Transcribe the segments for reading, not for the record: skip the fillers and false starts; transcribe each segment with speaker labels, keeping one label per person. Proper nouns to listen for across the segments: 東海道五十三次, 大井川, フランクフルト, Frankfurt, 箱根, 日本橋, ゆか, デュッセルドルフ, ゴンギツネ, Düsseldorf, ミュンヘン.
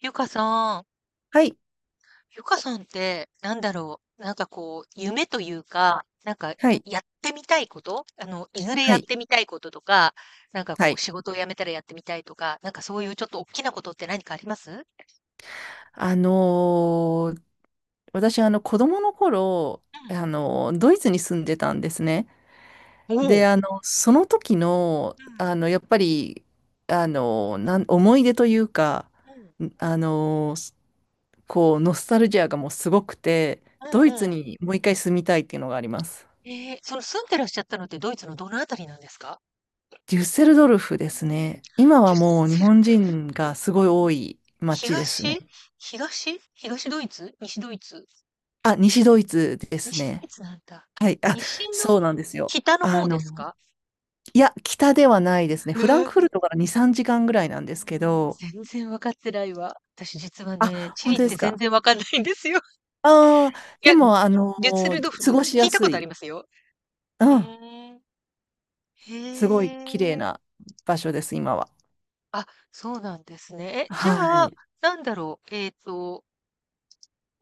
Speaker 1: ゆかさん。
Speaker 2: はい、
Speaker 1: ゆかさんってなんだろう、なんかこう、夢というか、なんか
Speaker 2: はい、
Speaker 1: やってみたいこと、いずれ
Speaker 2: は
Speaker 1: やっ
Speaker 2: い、
Speaker 1: てみたいこととか、なんか
Speaker 2: は
Speaker 1: こう、
Speaker 2: い。
Speaker 1: 仕事を辞めたらやってみたいとか、なんかそういうちょっと大きなことって何かあります？
Speaker 2: あのー私、子供の頃、
Speaker 1: うん、
Speaker 2: ドイツに住んでたんですね。で、その時の、
Speaker 1: うん、
Speaker 2: やっぱり、あのーなん、思い出というか、
Speaker 1: うん、
Speaker 2: んあのーこう、ノスタルジアがもうすごくて、
Speaker 1: う
Speaker 2: ドイ
Speaker 1: ん、
Speaker 2: ツ
Speaker 1: うん。
Speaker 2: にもう一回住みたいっていうのがあります。
Speaker 1: その住んでらっしゃったのってドイツのどのあたりなんですか？
Speaker 2: デュッセルドルフですね。今
Speaker 1: デュ
Speaker 2: は
Speaker 1: ッ
Speaker 2: もう日
Speaker 1: セル
Speaker 2: 本
Speaker 1: ドルフ。
Speaker 2: 人がすごい多い街です
Speaker 1: 東
Speaker 2: ね。
Speaker 1: 東ドイツ、西ドイツ？
Speaker 2: あ、西ドイツです
Speaker 1: 西ドイ
Speaker 2: ね。
Speaker 1: ツなんだ。
Speaker 2: はい。あ、
Speaker 1: 西の、
Speaker 2: そうなんですよ。
Speaker 1: 北の
Speaker 2: あ
Speaker 1: 方です
Speaker 2: の、
Speaker 1: か？
Speaker 2: いや、北ではないですね。
Speaker 1: え
Speaker 2: フランクフル
Speaker 1: ー、
Speaker 2: トから2、3時間ぐらいなんですけど、
Speaker 1: 全然分かってないわ。私実はね、
Speaker 2: あ、
Speaker 1: チ
Speaker 2: 本
Speaker 1: リっ
Speaker 2: 当で
Speaker 1: て
Speaker 2: す
Speaker 1: 全
Speaker 2: か。
Speaker 1: 然わかんないんですよ。
Speaker 2: ああ、
Speaker 1: い
Speaker 2: で
Speaker 1: や、
Speaker 2: も、
Speaker 1: デュッセルドフ
Speaker 2: 過
Speaker 1: ル
Speaker 2: ご
Speaker 1: ク
Speaker 2: し
Speaker 1: 聞
Speaker 2: や
Speaker 1: いたこ
Speaker 2: す
Speaker 1: とあり
Speaker 2: い。
Speaker 1: ますよ。
Speaker 2: う
Speaker 1: ふ
Speaker 2: ん。
Speaker 1: ーん。へ
Speaker 2: すごい綺麗
Speaker 1: え。
Speaker 2: な場所です、今は。
Speaker 1: あ、そうなんですね。え、じゃ
Speaker 2: は
Speaker 1: あ、
Speaker 2: い。
Speaker 1: なんだろう、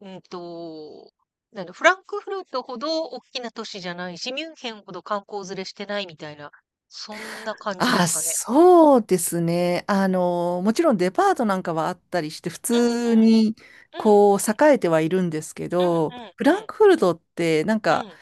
Speaker 1: うんと、なんだ、フランクフルトほどおっきな都市じゃないし、ミュンヘンほど観光連れしてないみたいな、そんな感じで
Speaker 2: あ、
Speaker 1: すかね。
Speaker 2: そうですね。あの、もちろんデパートなんかはあったりして、普
Speaker 1: うん、
Speaker 2: 通に、
Speaker 1: うん、うん、
Speaker 2: こう、栄えてはいるんですけ
Speaker 1: う
Speaker 2: ど、
Speaker 1: ん、うん、
Speaker 2: フランクフルトって、なん
Speaker 1: うん、うん、う
Speaker 2: か、
Speaker 1: ん、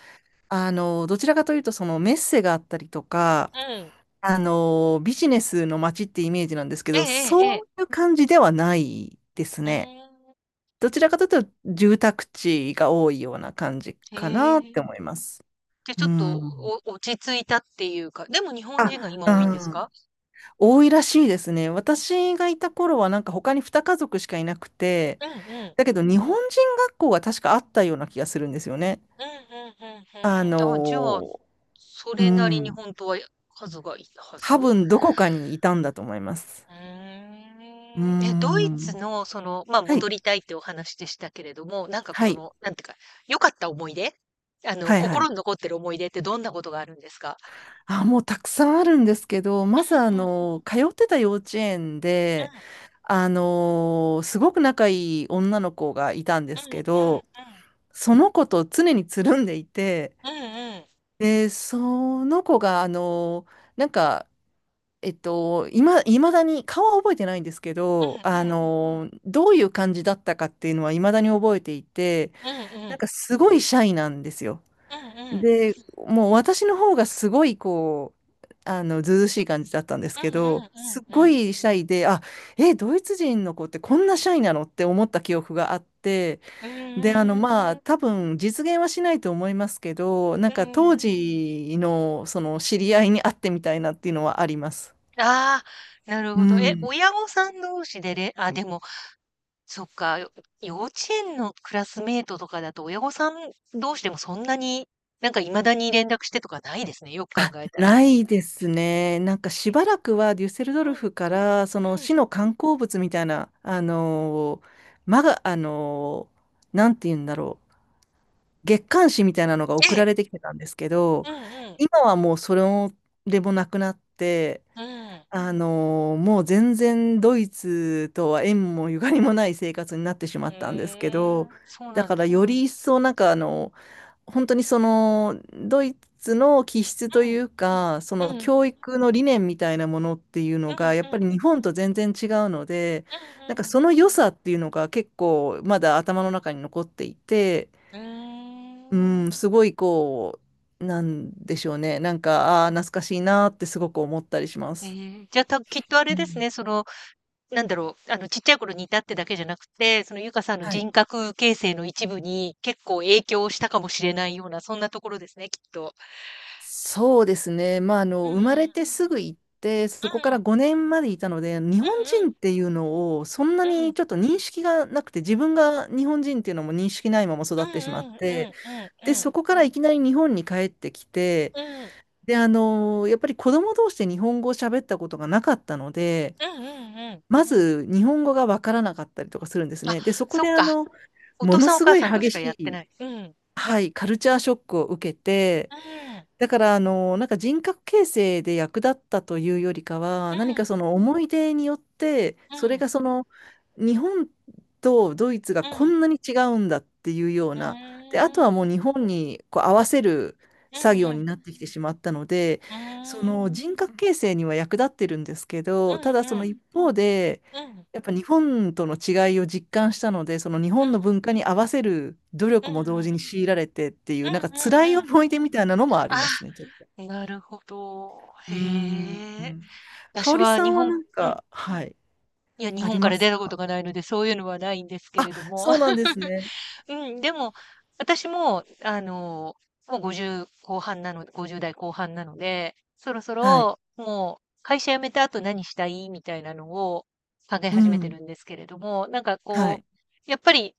Speaker 2: あの、どちらかというと、そのメッセがあったりとか、
Speaker 1: うん。
Speaker 2: あの、ビジネスの街ってイメージなんですけ
Speaker 1: ええ
Speaker 2: ど、
Speaker 1: えええ
Speaker 2: そ
Speaker 1: え。
Speaker 2: ういう感じではないです
Speaker 1: うー
Speaker 2: ね。
Speaker 1: ん、
Speaker 2: どちらかというと、住宅地が多いような感じ
Speaker 1: へ
Speaker 2: かなって
Speaker 1: え。
Speaker 2: 思います。
Speaker 1: で、ち
Speaker 2: う
Speaker 1: ょっと、
Speaker 2: ん。
Speaker 1: 落ち着いたっていうか、でも日本
Speaker 2: あ、
Speaker 1: 人が今
Speaker 2: う
Speaker 1: 多いんです
Speaker 2: ん。
Speaker 1: か？
Speaker 2: 多いらしいですね。私がいた頃はなんか他に2家族しかいなくて、
Speaker 1: うん、うん。
Speaker 2: だけど日本人学校が確かあったような気がするんですよね。
Speaker 1: うん、うん、うん、ふんふ
Speaker 2: あ
Speaker 1: ん。あ、じゃあ、
Speaker 2: の、
Speaker 1: そ
Speaker 2: う
Speaker 1: れなりに
Speaker 2: ん。
Speaker 1: 本当は、数がいたは
Speaker 2: 多
Speaker 1: ず？
Speaker 2: 分どこかにいたんだと思います。
Speaker 1: うー
Speaker 2: う
Speaker 1: ん。え、ドイツ
Speaker 2: ん。
Speaker 1: のその、ま、
Speaker 2: はい。
Speaker 1: 戻りたいってお話でしたけれども、なんか
Speaker 2: は
Speaker 1: そ
Speaker 2: い。
Speaker 1: の、なんていうか、良かった思い出？
Speaker 2: はいは
Speaker 1: 心
Speaker 2: い。
Speaker 1: に残ってる思い出ってどんなことがあるんですか？
Speaker 2: あ、もうたくさんあるんですけど、まずあ
Speaker 1: うん、うん、
Speaker 2: の、通ってた幼稚園
Speaker 1: うん、
Speaker 2: で、あの、すごく仲いい女の子がいたんで
Speaker 1: う
Speaker 2: す
Speaker 1: ん、うん、うん。
Speaker 2: けど、その子と常につるんでいて、
Speaker 1: うん、うん。
Speaker 2: で、その子がなんか、今、いまだに、顔は覚えてないんですけ
Speaker 1: うん、
Speaker 2: ど、あ
Speaker 1: うん。
Speaker 2: の、どういう感じだったかっていうのはいまだに覚えていて、
Speaker 1: うん、う
Speaker 2: なん
Speaker 1: ん。
Speaker 2: かすごいシャイなんですよ。
Speaker 1: うん、うん。
Speaker 2: で、もう私の方がすごいこう、あの、ずうずうしい感じだったんですけ
Speaker 1: う
Speaker 2: ど、すっご
Speaker 1: ん。
Speaker 2: いシャイで、あ、え、ドイツ人の子ってこんなシャイなのって思った記憶があって、
Speaker 1: う
Speaker 2: で、あの、ま
Speaker 1: ー
Speaker 2: あ、
Speaker 1: ん。
Speaker 2: 多分実現はしないと思いますけど、なん
Speaker 1: う
Speaker 2: か当
Speaker 1: ん。
Speaker 2: 時のその知り合いに会ってみたいなっていうのはあります。
Speaker 1: ああ、なる
Speaker 2: う
Speaker 1: ほど。え、
Speaker 2: ん。
Speaker 1: 親御さん同士でれあ、でも、そっか、よ幼稚園のクラスメイトとかだと、親御さん同士でもそんなに、なんか未だに連絡してとかないですね、よく考えたら。
Speaker 2: ないですね。なんかしばらくはデュッセルド
Speaker 1: うん、
Speaker 2: ルフからその
Speaker 1: うん。
Speaker 2: 市の観光物みたいな、あのーまが、あのーなんて言うんだろう、月刊誌みたいなのが送
Speaker 1: え
Speaker 2: ら
Speaker 1: え。
Speaker 2: れてきてたんですけど、
Speaker 1: うん、うん。
Speaker 2: 今はもうそれもでもなくなって、
Speaker 1: うん。
Speaker 2: もう全然ドイツとは縁もゆかりもない生活になってしま
Speaker 1: う
Speaker 2: ったんですけ
Speaker 1: ー
Speaker 2: ど、
Speaker 1: ん、そう
Speaker 2: だ
Speaker 1: なん
Speaker 2: か
Speaker 1: で
Speaker 2: ら
Speaker 1: す。
Speaker 2: より一層本当にそのドイツの気質と
Speaker 1: う
Speaker 2: い
Speaker 1: ん、
Speaker 2: うか、そ
Speaker 1: う
Speaker 2: の
Speaker 1: ん、うん、
Speaker 2: 教育の理念みたいなものっていうのが、や
Speaker 1: う
Speaker 2: っぱ
Speaker 1: ん、う
Speaker 2: り日本と全然違うので、
Speaker 1: ん、
Speaker 2: なんか
Speaker 1: うん。
Speaker 2: その良さっていうのが結構まだ頭の中に残っていて、
Speaker 1: うー
Speaker 2: う
Speaker 1: ん。
Speaker 2: ん、すごいこう、なんでしょうね、なんか、ああ、懐かしいなってすごく思ったりしま
Speaker 1: え
Speaker 2: す。
Speaker 1: え、じゃ、きっとあ
Speaker 2: う
Speaker 1: れです
Speaker 2: ん、
Speaker 1: ね、その、なんだろう、ちっちゃい頃にいたってだけじゃなくて、そのゆかさんの
Speaker 2: はい、
Speaker 1: 人格形成の一部に結構影響したかもしれないような、そんなところですね、きっと。
Speaker 2: そうですね。まあ、あ
Speaker 1: う
Speaker 2: の、
Speaker 1: ん、
Speaker 2: 生ま
Speaker 1: う
Speaker 2: れ
Speaker 1: ん、
Speaker 2: てすぐ行って、そこ
Speaker 1: う
Speaker 2: から
Speaker 1: ん、
Speaker 2: 5年までいたので、日本
Speaker 1: う
Speaker 2: 人
Speaker 1: ん、
Speaker 2: っていうのを、そんな
Speaker 1: う
Speaker 2: に
Speaker 1: ん、
Speaker 2: ちょっと認識がなくて、自分が日本人っていうのも認識ないまま
Speaker 1: う
Speaker 2: 育っ
Speaker 1: ん、
Speaker 2: てしまっ
Speaker 1: うん、う
Speaker 2: て、
Speaker 1: ん、う
Speaker 2: で、
Speaker 1: ん、う
Speaker 2: そこからいきなり日本に帰ってきて、
Speaker 1: ん、うん、
Speaker 2: で、あの、やっぱり子供同士で日本語を喋ったことがなかったので、
Speaker 1: うん、うん。
Speaker 2: まず日本語がわからなかったりとかするんです
Speaker 1: あ、
Speaker 2: ね。で、そこ
Speaker 1: そっ
Speaker 2: であ
Speaker 1: か。
Speaker 2: の、
Speaker 1: お
Speaker 2: も
Speaker 1: 父
Speaker 2: の
Speaker 1: さんお
Speaker 2: す
Speaker 1: 母
Speaker 2: ごい
Speaker 1: さんとし
Speaker 2: 激
Speaker 1: か
Speaker 2: し
Speaker 1: やって
Speaker 2: い、
Speaker 1: ない。うん、うん、
Speaker 2: はい、カルチャーショックを受けて、
Speaker 1: うん、
Speaker 2: だから、あの、なんか人格形成で役立ったというよりか
Speaker 1: う
Speaker 2: は、何か
Speaker 1: ん、
Speaker 2: その思い出によって、
Speaker 1: う
Speaker 2: それ
Speaker 1: ん、
Speaker 2: がその、日本とドイツが
Speaker 1: うー
Speaker 2: こ
Speaker 1: ん、
Speaker 2: んなに違うんだっていうよう
Speaker 1: う
Speaker 2: な、で、あと
Speaker 1: ん、う
Speaker 2: はもう
Speaker 1: ん、
Speaker 2: 日本にこう合わせる
Speaker 1: うーん、う
Speaker 2: 作
Speaker 1: ん、
Speaker 2: 業
Speaker 1: うん、
Speaker 2: になってきてしまったので、その人格形成には役立ってるんですけ
Speaker 1: う
Speaker 2: ど、ただその
Speaker 1: ん、
Speaker 2: 一方で、
Speaker 1: うん、うん、
Speaker 2: やっぱ日本との違いを実感したので、その日
Speaker 1: う
Speaker 2: 本の
Speaker 1: ん、
Speaker 2: 文化に合わせる努
Speaker 1: う
Speaker 2: 力も同
Speaker 1: ん、
Speaker 2: 時
Speaker 1: う
Speaker 2: に強いられてってい
Speaker 1: ん、
Speaker 2: う、なんか
Speaker 1: う
Speaker 2: 辛い
Speaker 1: ん。
Speaker 2: 思い出みたいなのもありますね、
Speaker 1: あ、
Speaker 2: ちょっと。
Speaker 1: なるほど。
Speaker 2: うーん。
Speaker 1: へえ。
Speaker 2: 香
Speaker 1: 私
Speaker 2: 織
Speaker 1: は
Speaker 2: さ
Speaker 1: 日
Speaker 2: んは
Speaker 1: 本
Speaker 2: なん
Speaker 1: うん、い
Speaker 2: か、はい、
Speaker 1: や、日
Speaker 2: あ
Speaker 1: 本
Speaker 2: り
Speaker 1: か
Speaker 2: ま
Speaker 1: ら
Speaker 2: す
Speaker 1: 出たこ
Speaker 2: か？
Speaker 1: とがないので、そういうのはないんですけれども。
Speaker 2: そうなんですね。
Speaker 1: うん、でも、私も、もう50代後半なので、そろそ
Speaker 2: はい。
Speaker 1: ろ、もう会社辞めた後何したいみたいなのを考え
Speaker 2: う
Speaker 1: 始めて
Speaker 2: ん。
Speaker 1: るんですけれども、なんか
Speaker 2: は
Speaker 1: こ
Speaker 2: い。
Speaker 1: う、やっぱり、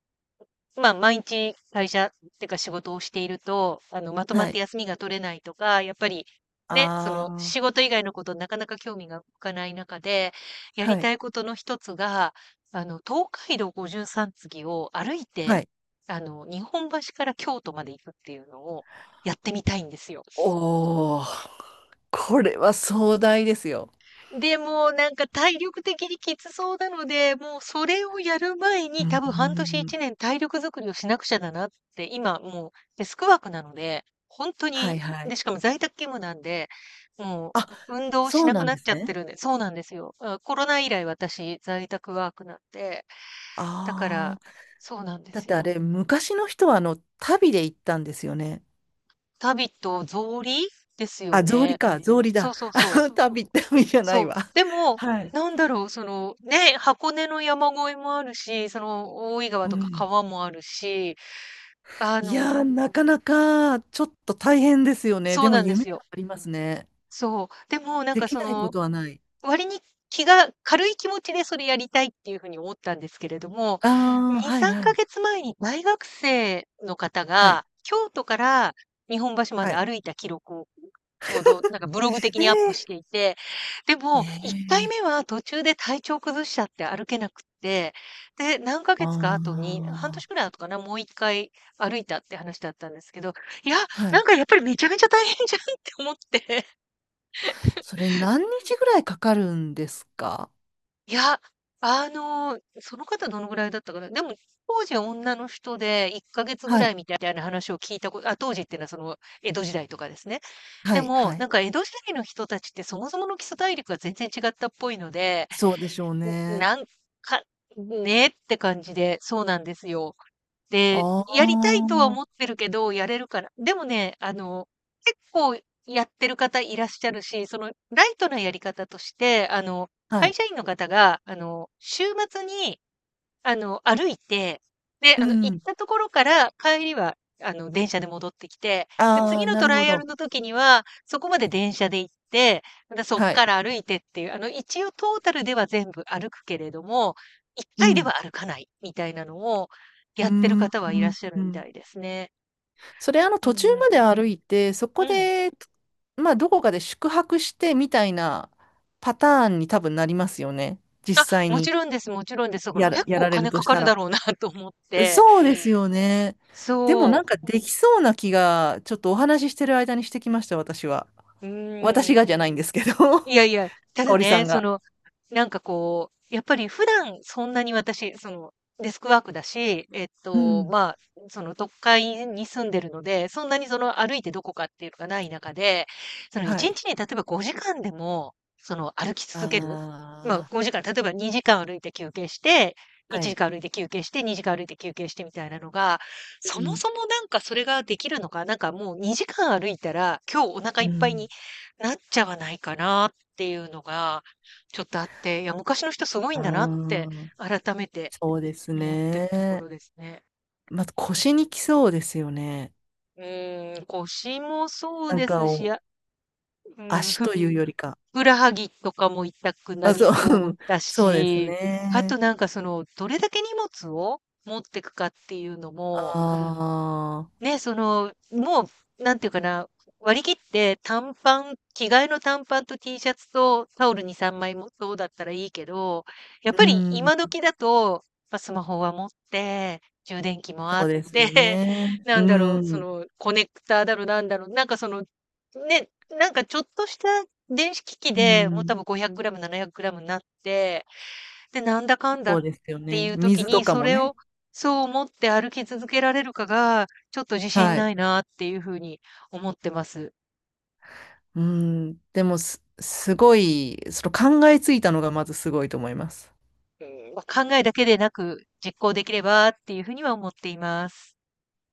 Speaker 1: まあ、毎日会社っていうか仕事をしていると、まとまっ
Speaker 2: は
Speaker 1: て
Speaker 2: い。
Speaker 1: 休みが取れないとか、やっぱり、ね、その
Speaker 2: ああ、
Speaker 1: 仕事以外のことなかなか興味が向かない中で、や
Speaker 2: は
Speaker 1: りた
Speaker 2: い。
Speaker 1: いことの一つが、東海道五十三次を歩い
Speaker 2: は
Speaker 1: て、
Speaker 2: い。
Speaker 1: 日本橋から京都まで行くっていうのをやってみたいんですよ。
Speaker 2: おお、これは壮大ですよ。
Speaker 1: でも、なんか体力的にきつそうなので、もうそれをやる前
Speaker 2: う
Speaker 1: に、多
Speaker 2: ん。う
Speaker 1: 分半年
Speaker 2: ん、
Speaker 1: 1年体力作りをしなくちゃだなって。今もうデスクワークなので、ほんと
Speaker 2: はい
Speaker 1: に、
Speaker 2: は
Speaker 1: で、
Speaker 2: い。
Speaker 1: しかも在宅勤務なんで、も
Speaker 2: あ、
Speaker 1: う運動し
Speaker 2: そう
Speaker 1: なく
Speaker 2: なん
Speaker 1: なっ
Speaker 2: で
Speaker 1: ち
Speaker 2: す
Speaker 1: ゃって
Speaker 2: ね。
Speaker 1: るんで、そうなんですよ。うん、コロナ以来私在宅ワークなんで、だか
Speaker 2: あ
Speaker 1: ら、
Speaker 2: あ。
Speaker 1: そうなんで
Speaker 2: だっ
Speaker 1: す
Speaker 2: てあ
Speaker 1: よ。
Speaker 2: れ、昔の人はあの、旅で行ったんですよね。
Speaker 1: タビと草履ですよ
Speaker 2: あ、草履
Speaker 1: ね。
Speaker 2: か、草履
Speaker 1: そ
Speaker 2: だ。
Speaker 1: うそうそう。
Speaker 2: あ、旅、旅じゃな
Speaker 1: そう。
Speaker 2: いわ。
Speaker 1: でも、
Speaker 2: はい。
Speaker 1: なんだろう、その、ね、箱根の山越えもあるし、その、大井川
Speaker 2: う
Speaker 1: とか
Speaker 2: ん。
Speaker 1: 川もあるし、あ
Speaker 2: い
Speaker 1: の
Speaker 2: やー、なかなか、ちょっと大変ですよね。
Speaker 1: そ
Speaker 2: で
Speaker 1: う
Speaker 2: も
Speaker 1: なんで
Speaker 2: 夢
Speaker 1: すよ。
Speaker 2: がありますね。
Speaker 1: そう。でも、なん
Speaker 2: で
Speaker 1: か
Speaker 2: き
Speaker 1: そ
Speaker 2: ないこ
Speaker 1: の、
Speaker 2: とはない。
Speaker 1: 割に気が軽い気持ちでそれやりたいっていう風に思ったんですけれども、2、
Speaker 2: ああ、はい
Speaker 1: 3
Speaker 2: はい。
Speaker 1: ヶ月前に大学生の方
Speaker 2: はい。
Speaker 1: が、京都から日本橋ま
Speaker 2: は
Speaker 1: で
Speaker 2: い。
Speaker 1: 歩いた記録をちょうどなんかブログ的にアップし
Speaker 2: ええ
Speaker 1: ていて、でも1回
Speaker 2: ええ、
Speaker 1: 目は途中で体調崩しちゃって歩けなくって、で、何ヶ月か後に、半
Speaker 2: あ
Speaker 1: 年く
Speaker 2: あ
Speaker 1: らい後かな、もう1回歩いたって話だったんですけど、いや、
Speaker 2: ー、は
Speaker 1: な
Speaker 2: い。
Speaker 1: んかやっぱりめちゃめちゃ大変じゃんって思って。
Speaker 2: それ何日ぐらいかかるんですか？
Speaker 1: いや、その方どのぐらいだったかな。でも、当時は女の人で1ヶ月ぐ
Speaker 2: は
Speaker 1: ら
Speaker 2: い。
Speaker 1: いみたいな話を聞いたこと、あ、当時っていうのはその江戸時代とかですね。
Speaker 2: は
Speaker 1: で
Speaker 2: い。
Speaker 1: も、
Speaker 2: は
Speaker 1: な
Speaker 2: い。
Speaker 1: んか江戸時代の人たちってそもそもの基礎体力が全然違ったっぽいので、
Speaker 2: そうでしょう
Speaker 1: ん
Speaker 2: ね。
Speaker 1: なんか、ねって感じで、そうなんですよ。で、
Speaker 2: あ
Speaker 1: やりたいとは
Speaker 2: あ、
Speaker 1: 思ってるけど、やれるから。でもね、結構やってる方いらっしゃるし、そのライトなやり方として、
Speaker 2: は
Speaker 1: 会
Speaker 2: い。
Speaker 1: 社員の方が、週末に歩いて、で、
Speaker 2: う
Speaker 1: 行っ
Speaker 2: ん。
Speaker 1: たところから帰りは、電車で戻ってきて、で、
Speaker 2: あ
Speaker 1: 次
Speaker 2: あ、
Speaker 1: の
Speaker 2: な
Speaker 1: ト
Speaker 2: る
Speaker 1: ラ
Speaker 2: ほ
Speaker 1: イアル
Speaker 2: ど。
Speaker 1: の時には、そこまで電車で行って、またそっ
Speaker 2: はい。
Speaker 1: から歩いてっていう、一応トータルでは全部歩くけれども、一
Speaker 2: う
Speaker 1: 回では
Speaker 2: ん。
Speaker 1: 歩かないみたいなのを
Speaker 2: う
Speaker 1: や
Speaker 2: ー
Speaker 1: ってる
Speaker 2: ん。う
Speaker 1: 方はいらっ
Speaker 2: ん
Speaker 1: しゃる
Speaker 2: う
Speaker 1: みた
Speaker 2: ん、
Speaker 1: いですね。
Speaker 2: それ、あの、
Speaker 1: う
Speaker 2: 途中
Speaker 1: ん、う
Speaker 2: ま
Speaker 1: ん。
Speaker 2: で歩いて、そ
Speaker 1: う
Speaker 2: こ
Speaker 1: ん。
Speaker 2: で、まあ、どこかで宿泊してみたいなパターンに多分なりますよね。実
Speaker 1: あ、
Speaker 2: 際
Speaker 1: もち
Speaker 2: に
Speaker 1: ろんです、もちろんです。だから
Speaker 2: やら、
Speaker 1: 結
Speaker 2: や
Speaker 1: 構お
Speaker 2: られる
Speaker 1: 金
Speaker 2: と
Speaker 1: か
Speaker 2: し
Speaker 1: か
Speaker 2: た
Speaker 1: るだ
Speaker 2: ら。
Speaker 1: ろうな と思って。
Speaker 2: そうですよね。でも、
Speaker 1: そ
Speaker 2: な
Speaker 1: う。
Speaker 2: んかできそうな気が、ちょっとお話ししてる間にしてきました、私は。
Speaker 1: うー
Speaker 2: 私
Speaker 1: ん。
Speaker 2: がじゃないんですけど、
Speaker 1: い やいや、た
Speaker 2: 香
Speaker 1: だ
Speaker 2: 織さ
Speaker 1: ね、
Speaker 2: ん
Speaker 1: そ
Speaker 2: が。
Speaker 1: の、なんかこう、やっぱり普段そんなに私、その、デスクワークだし、
Speaker 2: うん。
Speaker 1: まあ、その、都会に住んでるので、そんなにその、歩いてどこかっていうのがない中で、その、
Speaker 2: は
Speaker 1: 1
Speaker 2: い。
Speaker 1: 日にちに例えば5時間でも、その、歩き続
Speaker 2: あ
Speaker 1: ける。まあ、5時間、例えば2時間歩いて休憩して、
Speaker 2: あ。は
Speaker 1: 1
Speaker 2: い。
Speaker 1: 時間歩いて休憩して、2時間歩いて休憩してみたいなのが、
Speaker 2: う
Speaker 1: そも
Speaker 2: ん。
Speaker 1: そもなんかそれができるのか、なんかもう2時間歩いたら、今日お腹い
Speaker 2: う
Speaker 1: っぱいに
Speaker 2: ん。
Speaker 1: なっちゃわないかなっていうのが、ちょっとあって、いや、昔の人すごい
Speaker 2: あ
Speaker 1: んだなって、
Speaker 2: あ。
Speaker 1: 改めて
Speaker 2: そうです
Speaker 1: 思ってるとこ
Speaker 2: ね。
Speaker 1: ろですね。
Speaker 2: まず
Speaker 1: う
Speaker 2: 腰にきそうですよね。
Speaker 1: ん。うーん、腰もそう
Speaker 2: なん
Speaker 1: で
Speaker 2: か
Speaker 1: すし、
Speaker 2: を
Speaker 1: あ、うん、
Speaker 2: 足
Speaker 1: ふっ
Speaker 2: というよりか。
Speaker 1: くらはぎとかも痛くな
Speaker 2: あ、
Speaker 1: り
Speaker 2: そ
Speaker 1: そう
Speaker 2: う、
Speaker 1: だ
Speaker 2: そうです
Speaker 1: し、あ
Speaker 2: ね。
Speaker 1: となんかその、どれだけ荷物を持ってくかっていうの
Speaker 2: あ
Speaker 1: も、
Speaker 2: あ、
Speaker 1: ね、その、もう、なんていうかな、割り切って短パン、着替えの短パンと T シャツとタオル2、3枚もそうだったらいいけど、やっ
Speaker 2: う
Speaker 1: ぱり
Speaker 2: ん、
Speaker 1: 今時だと、ま、スマホは持って、充電器もあ
Speaker 2: そ
Speaker 1: っ
Speaker 2: うです
Speaker 1: て、
Speaker 2: よ ね。
Speaker 1: な
Speaker 2: う
Speaker 1: んだろう、そ
Speaker 2: ん、
Speaker 1: の、コネクターだろなんだろ、なんかその、ね、なんかちょっとした電子機器
Speaker 2: う
Speaker 1: で、もう多
Speaker 2: ん、
Speaker 1: 分500グラム、700グラムになって、で、なんだかんだっ
Speaker 2: そうですよ
Speaker 1: て
Speaker 2: ね。
Speaker 1: いう時
Speaker 2: 水と
Speaker 1: に、
Speaker 2: か
Speaker 1: そ
Speaker 2: も
Speaker 1: れ
Speaker 2: ね。
Speaker 1: をそう思って歩き続けられるかが、ちょっと自信
Speaker 2: は
Speaker 1: な
Speaker 2: い。
Speaker 1: いなっていう風に思ってます。
Speaker 2: うん、でもす、すごい、その考えついたのがまずすごいと思います。
Speaker 1: うん、ま、考えだけでなく、実行できればっていう風には思っています。